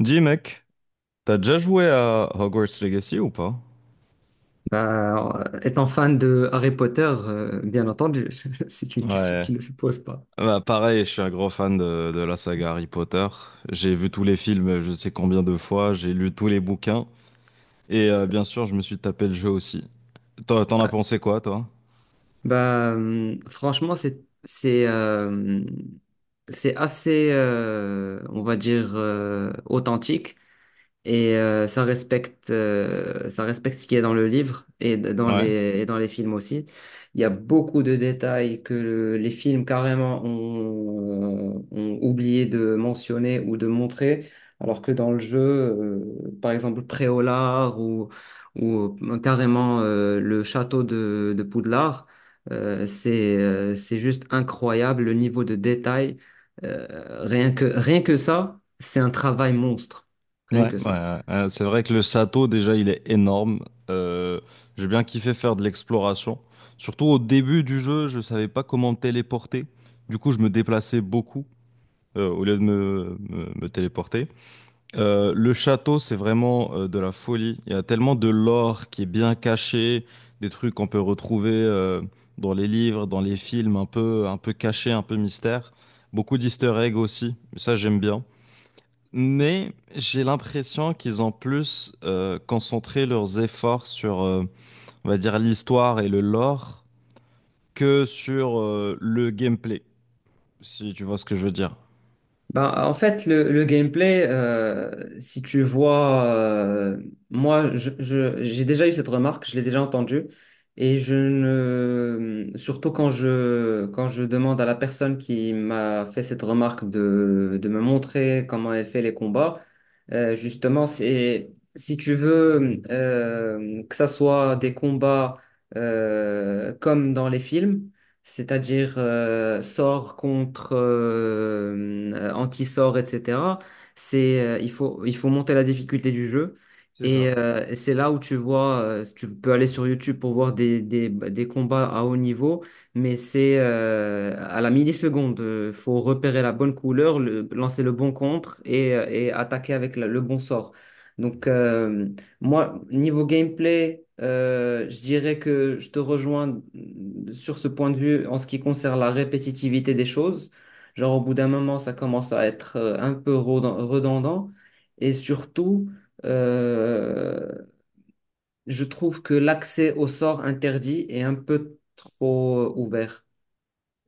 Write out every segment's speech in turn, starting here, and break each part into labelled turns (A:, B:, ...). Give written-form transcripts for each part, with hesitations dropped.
A: Dis mec, t'as déjà joué à Hogwarts Legacy ou pas?
B: Étant fan de Harry Potter, bien entendu, c'est une question
A: Ouais.
B: qui ne se pose pas.
A: Bah pareil, je suis un gros fan de la saga Harry Potter. J'ai vu tous les films, je sais combien de fois, j'ai lu tous les bouquins. Et bien sûr, je me suis tapé le jeu aussi. Toi, t'en as pensé quoi, toi?
B: Franchement, c'est c'est assez, on va dire, authentique. Ça respecte ça respecte ce qui est dans le livre et dans
A: Ouais,
B: les et dans les films aussi. Il y a beaucoup de détails que les films carrément ont oublié de mentionner ou de montrer, alors que dans le jeu, par exemple Préolard ou carrément le château de Poudlard, c'est juste incroyable le niveau de détail. Rien que ça, c'est un travail monstre.
A: ouais,
B: Rien
A: ouais,
B: que ça.
A: ouais. C'est vrai que le château, déjà, il est énorme. Euh, j'ai bien kiffé faire de l'exploration. Surtout au début du jeu, je savais pas comment me téléporter. Du coup, je me déplaçais beaucoup au lieu de me téléporter. Le château, c'est vraiment de la folie. Il y a tellement de lore qui est bien caché, des trucs qu'on peut retrouver dans les livres, dans les films, un peu cachés, un peu mystère. Beaucoup d'easter eggs aussi, ça j'aime bien. Mais j'ai l'impression qu'ils ont plus concentré leurs efforts sur, on va dire, l'histoire et le lore que sur le gameplay, si tu vois ce que je veux dire.
B: En fait, le gameplay, si tu vois, moi, j'ai déjà eu cette remarque, je l'ai déjà entendue, et je ne, surtout quand je demande à la personne qui m'a fait cette remarque de me montrer comment elle fait les combats, justement, c'est, si tu veux, que ça soit des combats, comme dans les films, c'est-à-dire sort contre anti-sort, etc. Il faut monter la difficulté du jeu.
A: C'est ça.
B: C'est là où tu vois, tu peux aller sur YouTube pour voir bah, des combats à haut niveau, mais c'est à la milliseconde. Il faut repérer la bonne couleur, lancer le bon contre et attaquer avec le bon sort. Donc, euh, Moi, niveau gameplay, je dirais que je te rejoins sur ce point de vue en ce qui concerne la répétitivité des choses. Genre, au bout d'un moment, ça commence à être redondant. Et surtout, euh, je trouve que l'accès au sort interdit est un peu trop ouvert.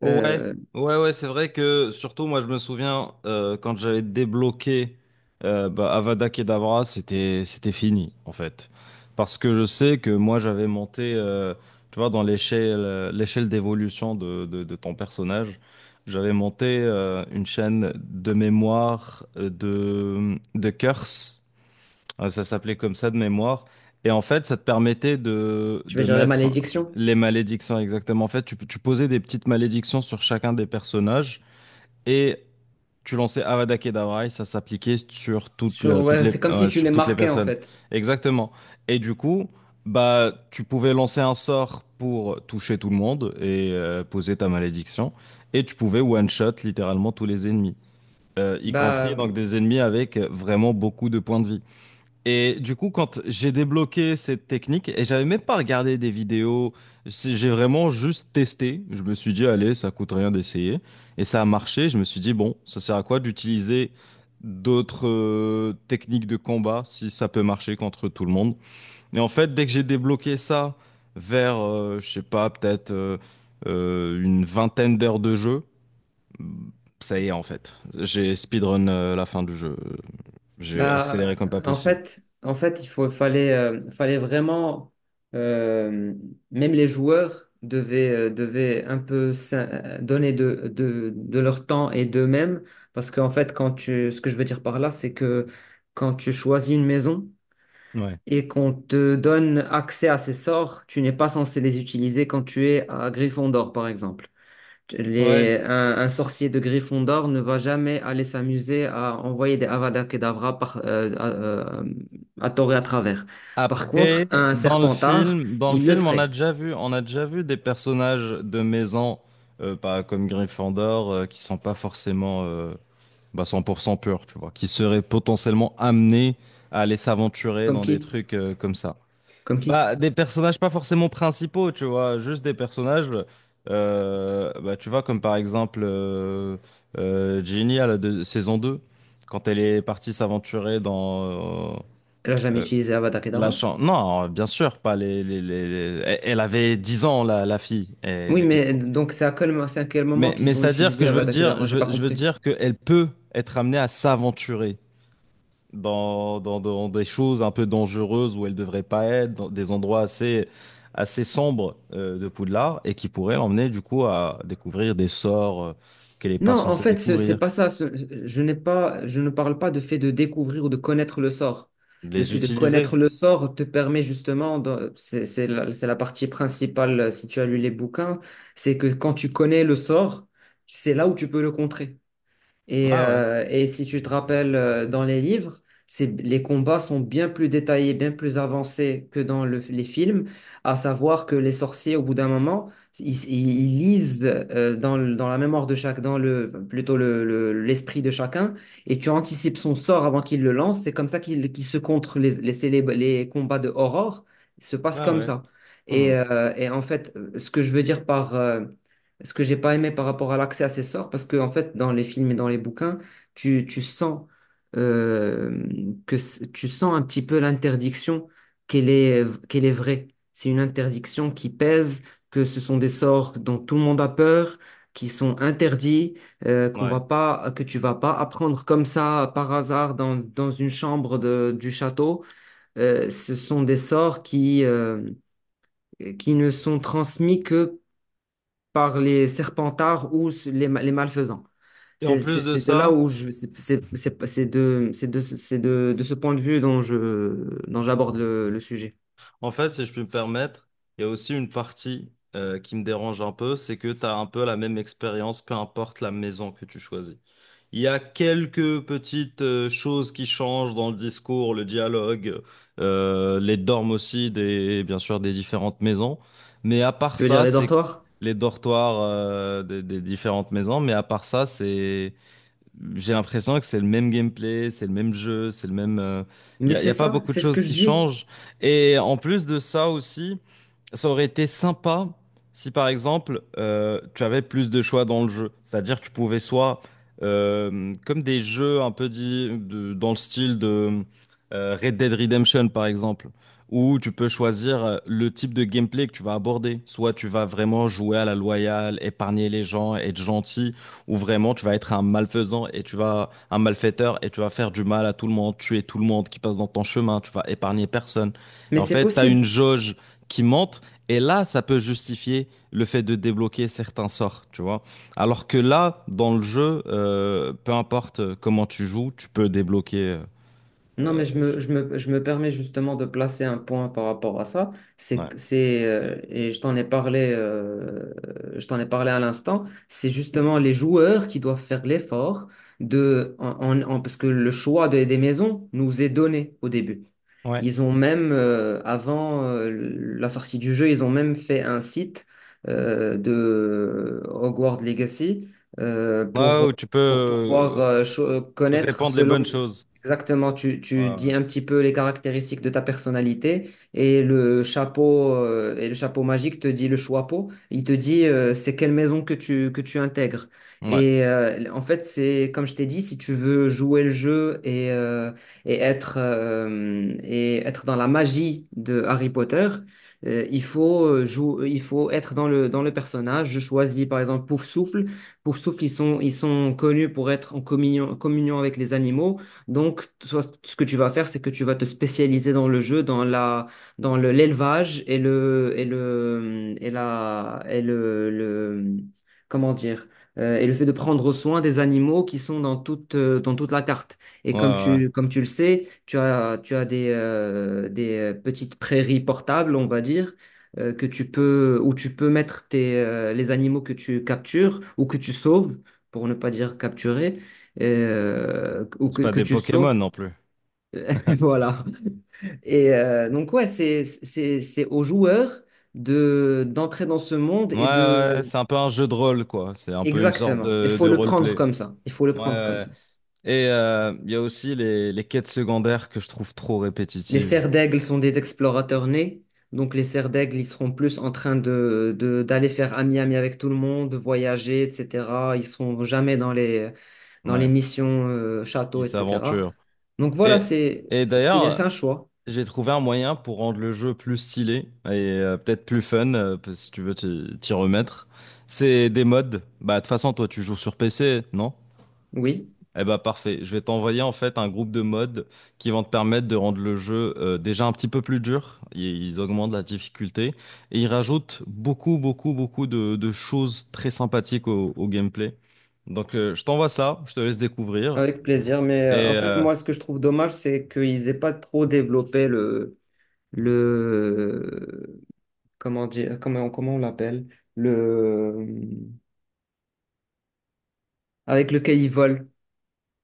A: Ouais,
B: Euh,
A: ouais, ouais, c'est vrai que surtout moi je me souviens quand j'avais débloqué Avada Kedavra, c'était fini en fait. Parce que je sais que moi j'avais monté, tu vois, dans l'échelle l'échelle d'évolution de ton personnage, j'avais monté une chaîne de mémoire de curse. Ça s'appelait comme ça de mémoire. Et en fait, ça te permettait
B: Tu veux
A: de
B: dire les
A: mettre
B: malédictions?
A: les malédictions exactement. En fait, tu posais des petites malédictions sur chacun des personnages et tu lançais Avada Kedavra et ça s'appliquait sur toutes,
B: Sur,
A: toutes
B: ouais,
A: les,
B: c'est comme si
A: ouais,
B: tu
A: sur
B: les
A: toutes les
B: marquais, en
A: personnes.
B: fait.
A: Exactement. Et du coup, bah, tu pouvais lancer un sort pour toucher tout le monde et poser ta malédiction. Et tu pouvais one-shot littéralement tous les ennemis, y compris
B: Bah.
A: donc des ennemis avec vraiment beaucoup de points de vie. Et du coup, quand j'ai débloqué cette technique, et j'avais même pas regardé des vidéos, j'ai vraiment juste testé. Je me suis dit, allez, ça coûte rien d'essayer. Et ça a marché. Je me suis dit, bon, ça sert à quoi d'utiliser d'autres techniques de combat si ça peut marcher contre tout le monde. Et en fait, dès que j'ai débloqué ça vers, je sais pas, peut-être une vingtaine d'heures de jeu, ça y est, en fait. J'ai speedrun la fin du jeu. J'ai accéléré
B: Bah,
A: comme pas possible.
B: En fait, fallait, fallait vraiment, euh, même les joueurs devaient, devaient un peu donner de leur temps et d'eux-mêmes, parce qu'en fait, ce que je veux dire par là, c'est que quand tu choisis une maison
A: Ouais.
B: et qu'on te donne accès à ces sorts, tu n'es pas censé les utiliser quand tu es à Gryffondor, par exemple.
A: Ouais.
B: Un sorcier de Gryffondor ne va jamais aller s'amuser à envoyer des Avada Kedavra à tort et à travers. Par contre,
A: Après,
B: un Serpentard,
A: dans le
B: il le
A: film, on a
B: ferait.
A: déjà vu, on a déjà vu des personnages de maison, pas comme Gryffondor, qui sont pas forcément bah, 100% purs, tu vois, qui seraient potentiellement amenés à aller s'aventurer
B: Comme
A: dans des
B: qui?
A: trucs comme ça.
B: Comme qui?
A: Bah, des personnages pas forcément principaux, tu vois, juste des personnages, tu vois, comme par exemple Ginny à la saison 2, quand elle est partie s'aventurer dans...
B: Elle a jamais
A: euh,
B: utilisé Avada Kedavra?
A: Non, bien sûr, pas les, les, Elle avait 10 ans, la fille. Elle
B: Oui,
A: était
B: mais
A: trop petite.
B: donc c'est à quel, c'est à quel moment
A: Mais
B: qu'ils ont
A: c'est-à-dire que
B: utilisé
A: je veux
B: Avada
A: dire,
B: Kedavra? J'ai pas
A: je veux
B: compris.
A: dire qu'elle peut être amenée à s'aventurer dans des choses un peu dangereuses où elle devrait pas être, dans des endroits assez, assez sombres de Poudlard, et qui pourraient l'emmener du coup à découvrir des sorts qu'elle n'est
B: Non,
A: pas
B: en
A: censée
B: fait, c'est
A: découvrir,
B: pas ça. Je n'ai pas, je ne parle pas de fait de découvrir ou de connaître le sort. Le
A: les
B: fait de
A: utiliser.
B: connaître le sort te permet justement, c'est c'est la partie principale, si tu as lu les bouquins, c'est que quand tu connais le sort, c'est là où tu peux le contrer.
A: Ah ouais,
B: Et si tu te rappelles, dans les livres, c'est, les combats sont bien plus détaillés, bien plus avancés que dans les films, à savoir que les sorciers, au bout d'un moment, ils lisent dans la mémoire de chaque, dans le, plutôt le- l'esprit de chacun, et tu anticipes son sort avant qu'il le lance. C'est comme ça qu'il se contre les combats de Aurore. Ils se passent
A: ouais,
B: comme
A: ouais.
B: ça.
A: Hmm,
B: Et en fait, ce que je veux dire par, ce que j'ai pas aimé par rapport à l'accès à ces sorts, parce que en fait, dans les films et dans les bouquins, tu sens euh, que tu sens un petit peu l'interdiction qu'elle est vraie. C'est une interdiction qui pèse, que ce sont des sorts dont tout le monde a peur, qui sont interdits, qu'on va
A: ouais.
B: pas, que tu vas pas apprendre comme ça par hasard dans, dans une chambre du château. Ce sont des sorts qui ne sont transmis que par les serpentards ou les malfaisants.
A: Et en plus de
B: C'est de là
A: ça.
B: où je, c'est de, c'est de, C'est de ce point de vue dont dont j'aborde le sujet.
A: En fait, si je puis me permettre, il y a aussi une partie qui me dérange un peu, c'est que tu as un peu la même expérience, peu importe la maison que tu choisis. Il y a quelques petites choses qui changent dans le discours, le dialogue, les dormes aussi, des, bien sûr, des différentes maisons. Mais à part
B: Tu veux dire
A: ça,
B: les
A: c'est
B: dortoirs?
A: les dortoirs des différentes maisons, mais à part ça, c'est j'ai l'impression que c'est le même gameplay, c'est le même jeu, c'est le même.
B: Mais
A: Y
B: c'est
A: a pas
B: ça,
A: beaucoup de
B: c'est ce que
A: choses
B: je
A: qui
B: dis.
A: changent. Et en plus de ça aussi, ça aurait été sympa si par exemple tu avais plus de choix dans le jeu. C'est-à-dire que tu pouvais soit, comme des jeux un peu dit, dans le style de Red Dead Redemption par exemple, où tu peux choisir le type de gameplay que tu vas aborder. Soit tu vas vraiment jouer à la loyale, épargner les gens, être gentil où vraiment tu vas être un malfaisant et tu vas un malfaiteur et tu vas faire du mal à tout le monde, tuer tout le monde qui passe dans ton chemin, tu vas épargner personne. Et
B: Mais
A: en
B: c'est
A: fait, tu as une
B: possible.
A: jauge qui monte et là, ça peut justifier le fait de débloquer certains sorts, tu vois. Alors que là, dans le jeu, peu importe comment tu joues, tu peux débloquer.
B: Non,
A: euh,
B: mais je me permets justement de placer un point par rapport à ça.
A: ouais.
B: Et je t'en ai parlé, je t'en ai parlé à l'instant. C'est justement les joueurs qui doivent faire l'effort de, parce que le choix des maisons nous est donné au début.
A: Ouais.
B: Ils ont même, avant la sortie du jeu, ils ont même fait un site de Hogwarts Legacy euh,
A: Ouais,
B: pour,
A: ou tu peux
B: pour pouvoir connaître
A: répandre les
B: selon.
A: bonnes choses.
B: Exactement, tu
A: Ouais,
B: dis
A: ouais,
B: un petit peu les caractéristiques de ta personnalité et le chapeau magique te dit, le choixpeau, il te dit c'est quelle maison que tu intègres.
A: ouais,
B: En fait, c'est comme je t'ai dit, si tu veux jouer le jeu et être dans la magie de Harry Potter, euh, il faut euh, il faut être dans le personnage. Je choisis par exemple Poufsouffle. Poufsouffle, ils sont connus pour être en communion avec les animaux. Donc, ce que tu vas faire, c'est que tu vas te spécialiser dans le jeu, dans la, dans le, l'élevage et le, et le, et la, et le, comment dire, et le fait de prendre soin des animaux qui sont dans toute la carte. Et
A: ouais, ouais.
B: comme tu le sais, tu as des, petites prairies portables, on va dire. Que tu peux, où tu peux mettre tes, les animaux que tu captures ou que tu sauves, pour ne pas dire capturer, ou
A: C'est pas
B: que
A: des
B: tu
A: Pokémon
B: sauves.
A: non plus.
B: Voilà. Donc, ouais, c'est aux joueurs de, d'entrer dans ce monde
A: Ouais,
B: et
A: ouais,
B: de…
A: c'est un peu un jeu de rôle, quoi. C'est un peu une sorte
B: Exactement. Il
A: de
B: faut le prendre
A: roleplay.
B: comme ça. Il faut le
A: Ouais, ouais,
B: prendre comme
A: ouais.
B: ça.
A: Et il y a aussi les quêtes secondaires que je trouve trop
B: Les
A: répétitives.
B: cerfs d'aigle sont des explorateurs nés. Donc, les cerfs d'aigle, ils seront plus en train d'aller faire ami-ami avec tout le monde, de voyager, etc. Ils seront jamais dans les, dans les
A: Ouais,
B: missions château,
A: ils
B: etc.
A: s'aventurent.
B: Donc, voilà,
A: Et, et
B: c'est
A: d'ailleurs,
B: un choix.
A: j'ai trouvé un moyen pour rendre le jeu plus stylé et peut-être plus fun, parce que si tu veux t'y remettre. C'est des mods. Bah, de toute façon, toi, tu joues sur PC, non?
B: Oui.
A: Eh bah parfait, je vais t'envoyer en fait un groupe de mods qui vont te permettre de rendre le jeu déjà un petit peu plus dur. Ils augmentent la difficulté et ils rajoutent beaucoup, beaucoup, beaucoup de choses très sympathiques au gameplay. Donc je t'envoie ça, je te laisse découvrir.
B: Avec plaisir, mais
A: Et
B: en fait,
A: euh,
B: moi, ce que je trouve dommage, c'est qu'ils aient pas trop développé le, comment dire, comment on l'appelle, le, euh, avec lequel ils volent.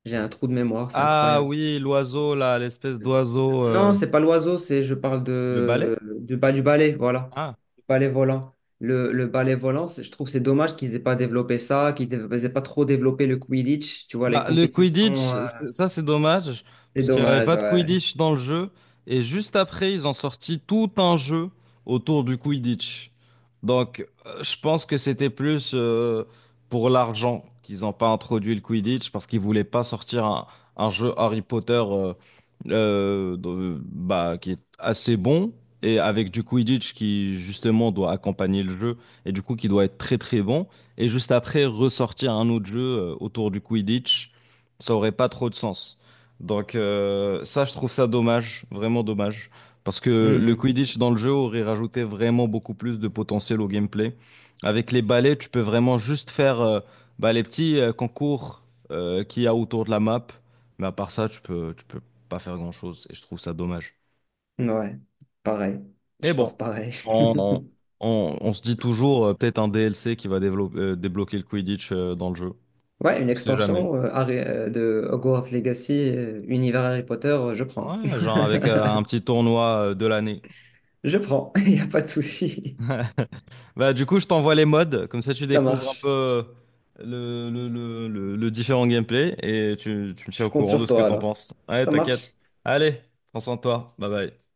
B: J'ai un trou de mémoire, c'est
A: ah
B: incroyable.
A: oui, l'oiseau là, l'espèce d'oiseau,
B: Non, c'est pas l'oiseau, c'est, je parle
A: le balai?
B: du balai, voilà,
A: Ah.
B: du balai volant. Le balai volant, je trouve c'est dommage qu'ils aient pas développé ça, qu'ils n'aient pas trop développé le Quidditch, tu vois, les
A: Bah, le Quidditch,
B: compétitions,
A: ça c'est dommage,
B: c'est
A: parce qu'il n'y avait
B: dommage,
A: pas de
B: ouais.
A: Quidditch dans le jeu, et juste après, ils ont sorti tout un jeu autour du Quidditch. Donc, je pense que c'était plus pour l'argent qu'ils n'ont pas introduit le Quidditch, parce qu'ils voulaient pas sortir un jeu Harry Potter bah, qui est assez bon, et avec du Quidditch qui justement doit accompagner le jeu, et du coup qui doit être très très bon et juste après ressortir un autre jeu autour du Quidditch, ça aurait pas trop de sens. Donc ça, je trouve ça dommage, vraiment dommage, parce que le
B: Hmm.
A: Quidditch dans le jeu aurait rajouté vraiment beaucoup plus de potentiel au gameplay. Avec les balais, tu peux vraiment juste faire bah, les petits concours qu'il y a autour de la map, mais à part ça, tu peux pas faire grand-chose, et je trouve ça dommage.
B: Ouais, pareil.
A: Mais
B: Je
A: bon,
B: pense pareil.
A: on, on, on se dit toujours peut-être un DLC qui va dévelop débloquer le Quidditch dans le jeu.
B: Ouais, une
A: On sait jamais.
B: extension de Hogwarts Legacy, univers Harry Potter, je prends.
A: Ouais, genre avec un petit tournoi de l'année.
B: Je prends, il n'y a pas de souci.
A: Bah, du coup, je t'envoie les modes, comme ça tu
B: Ça
A: découvres un peu
B: marche.
A: le différent gameplay et tu me tiens
B: Je
A: au
B: compte
A: courant de
B: sur
A: ce que
B: toi
A: t'en
B: alors.
A: penses. Ouais,
B: Ça
A: t'inquiète.
B: marche.
A: Allez, prends soin de toi. Bye bye.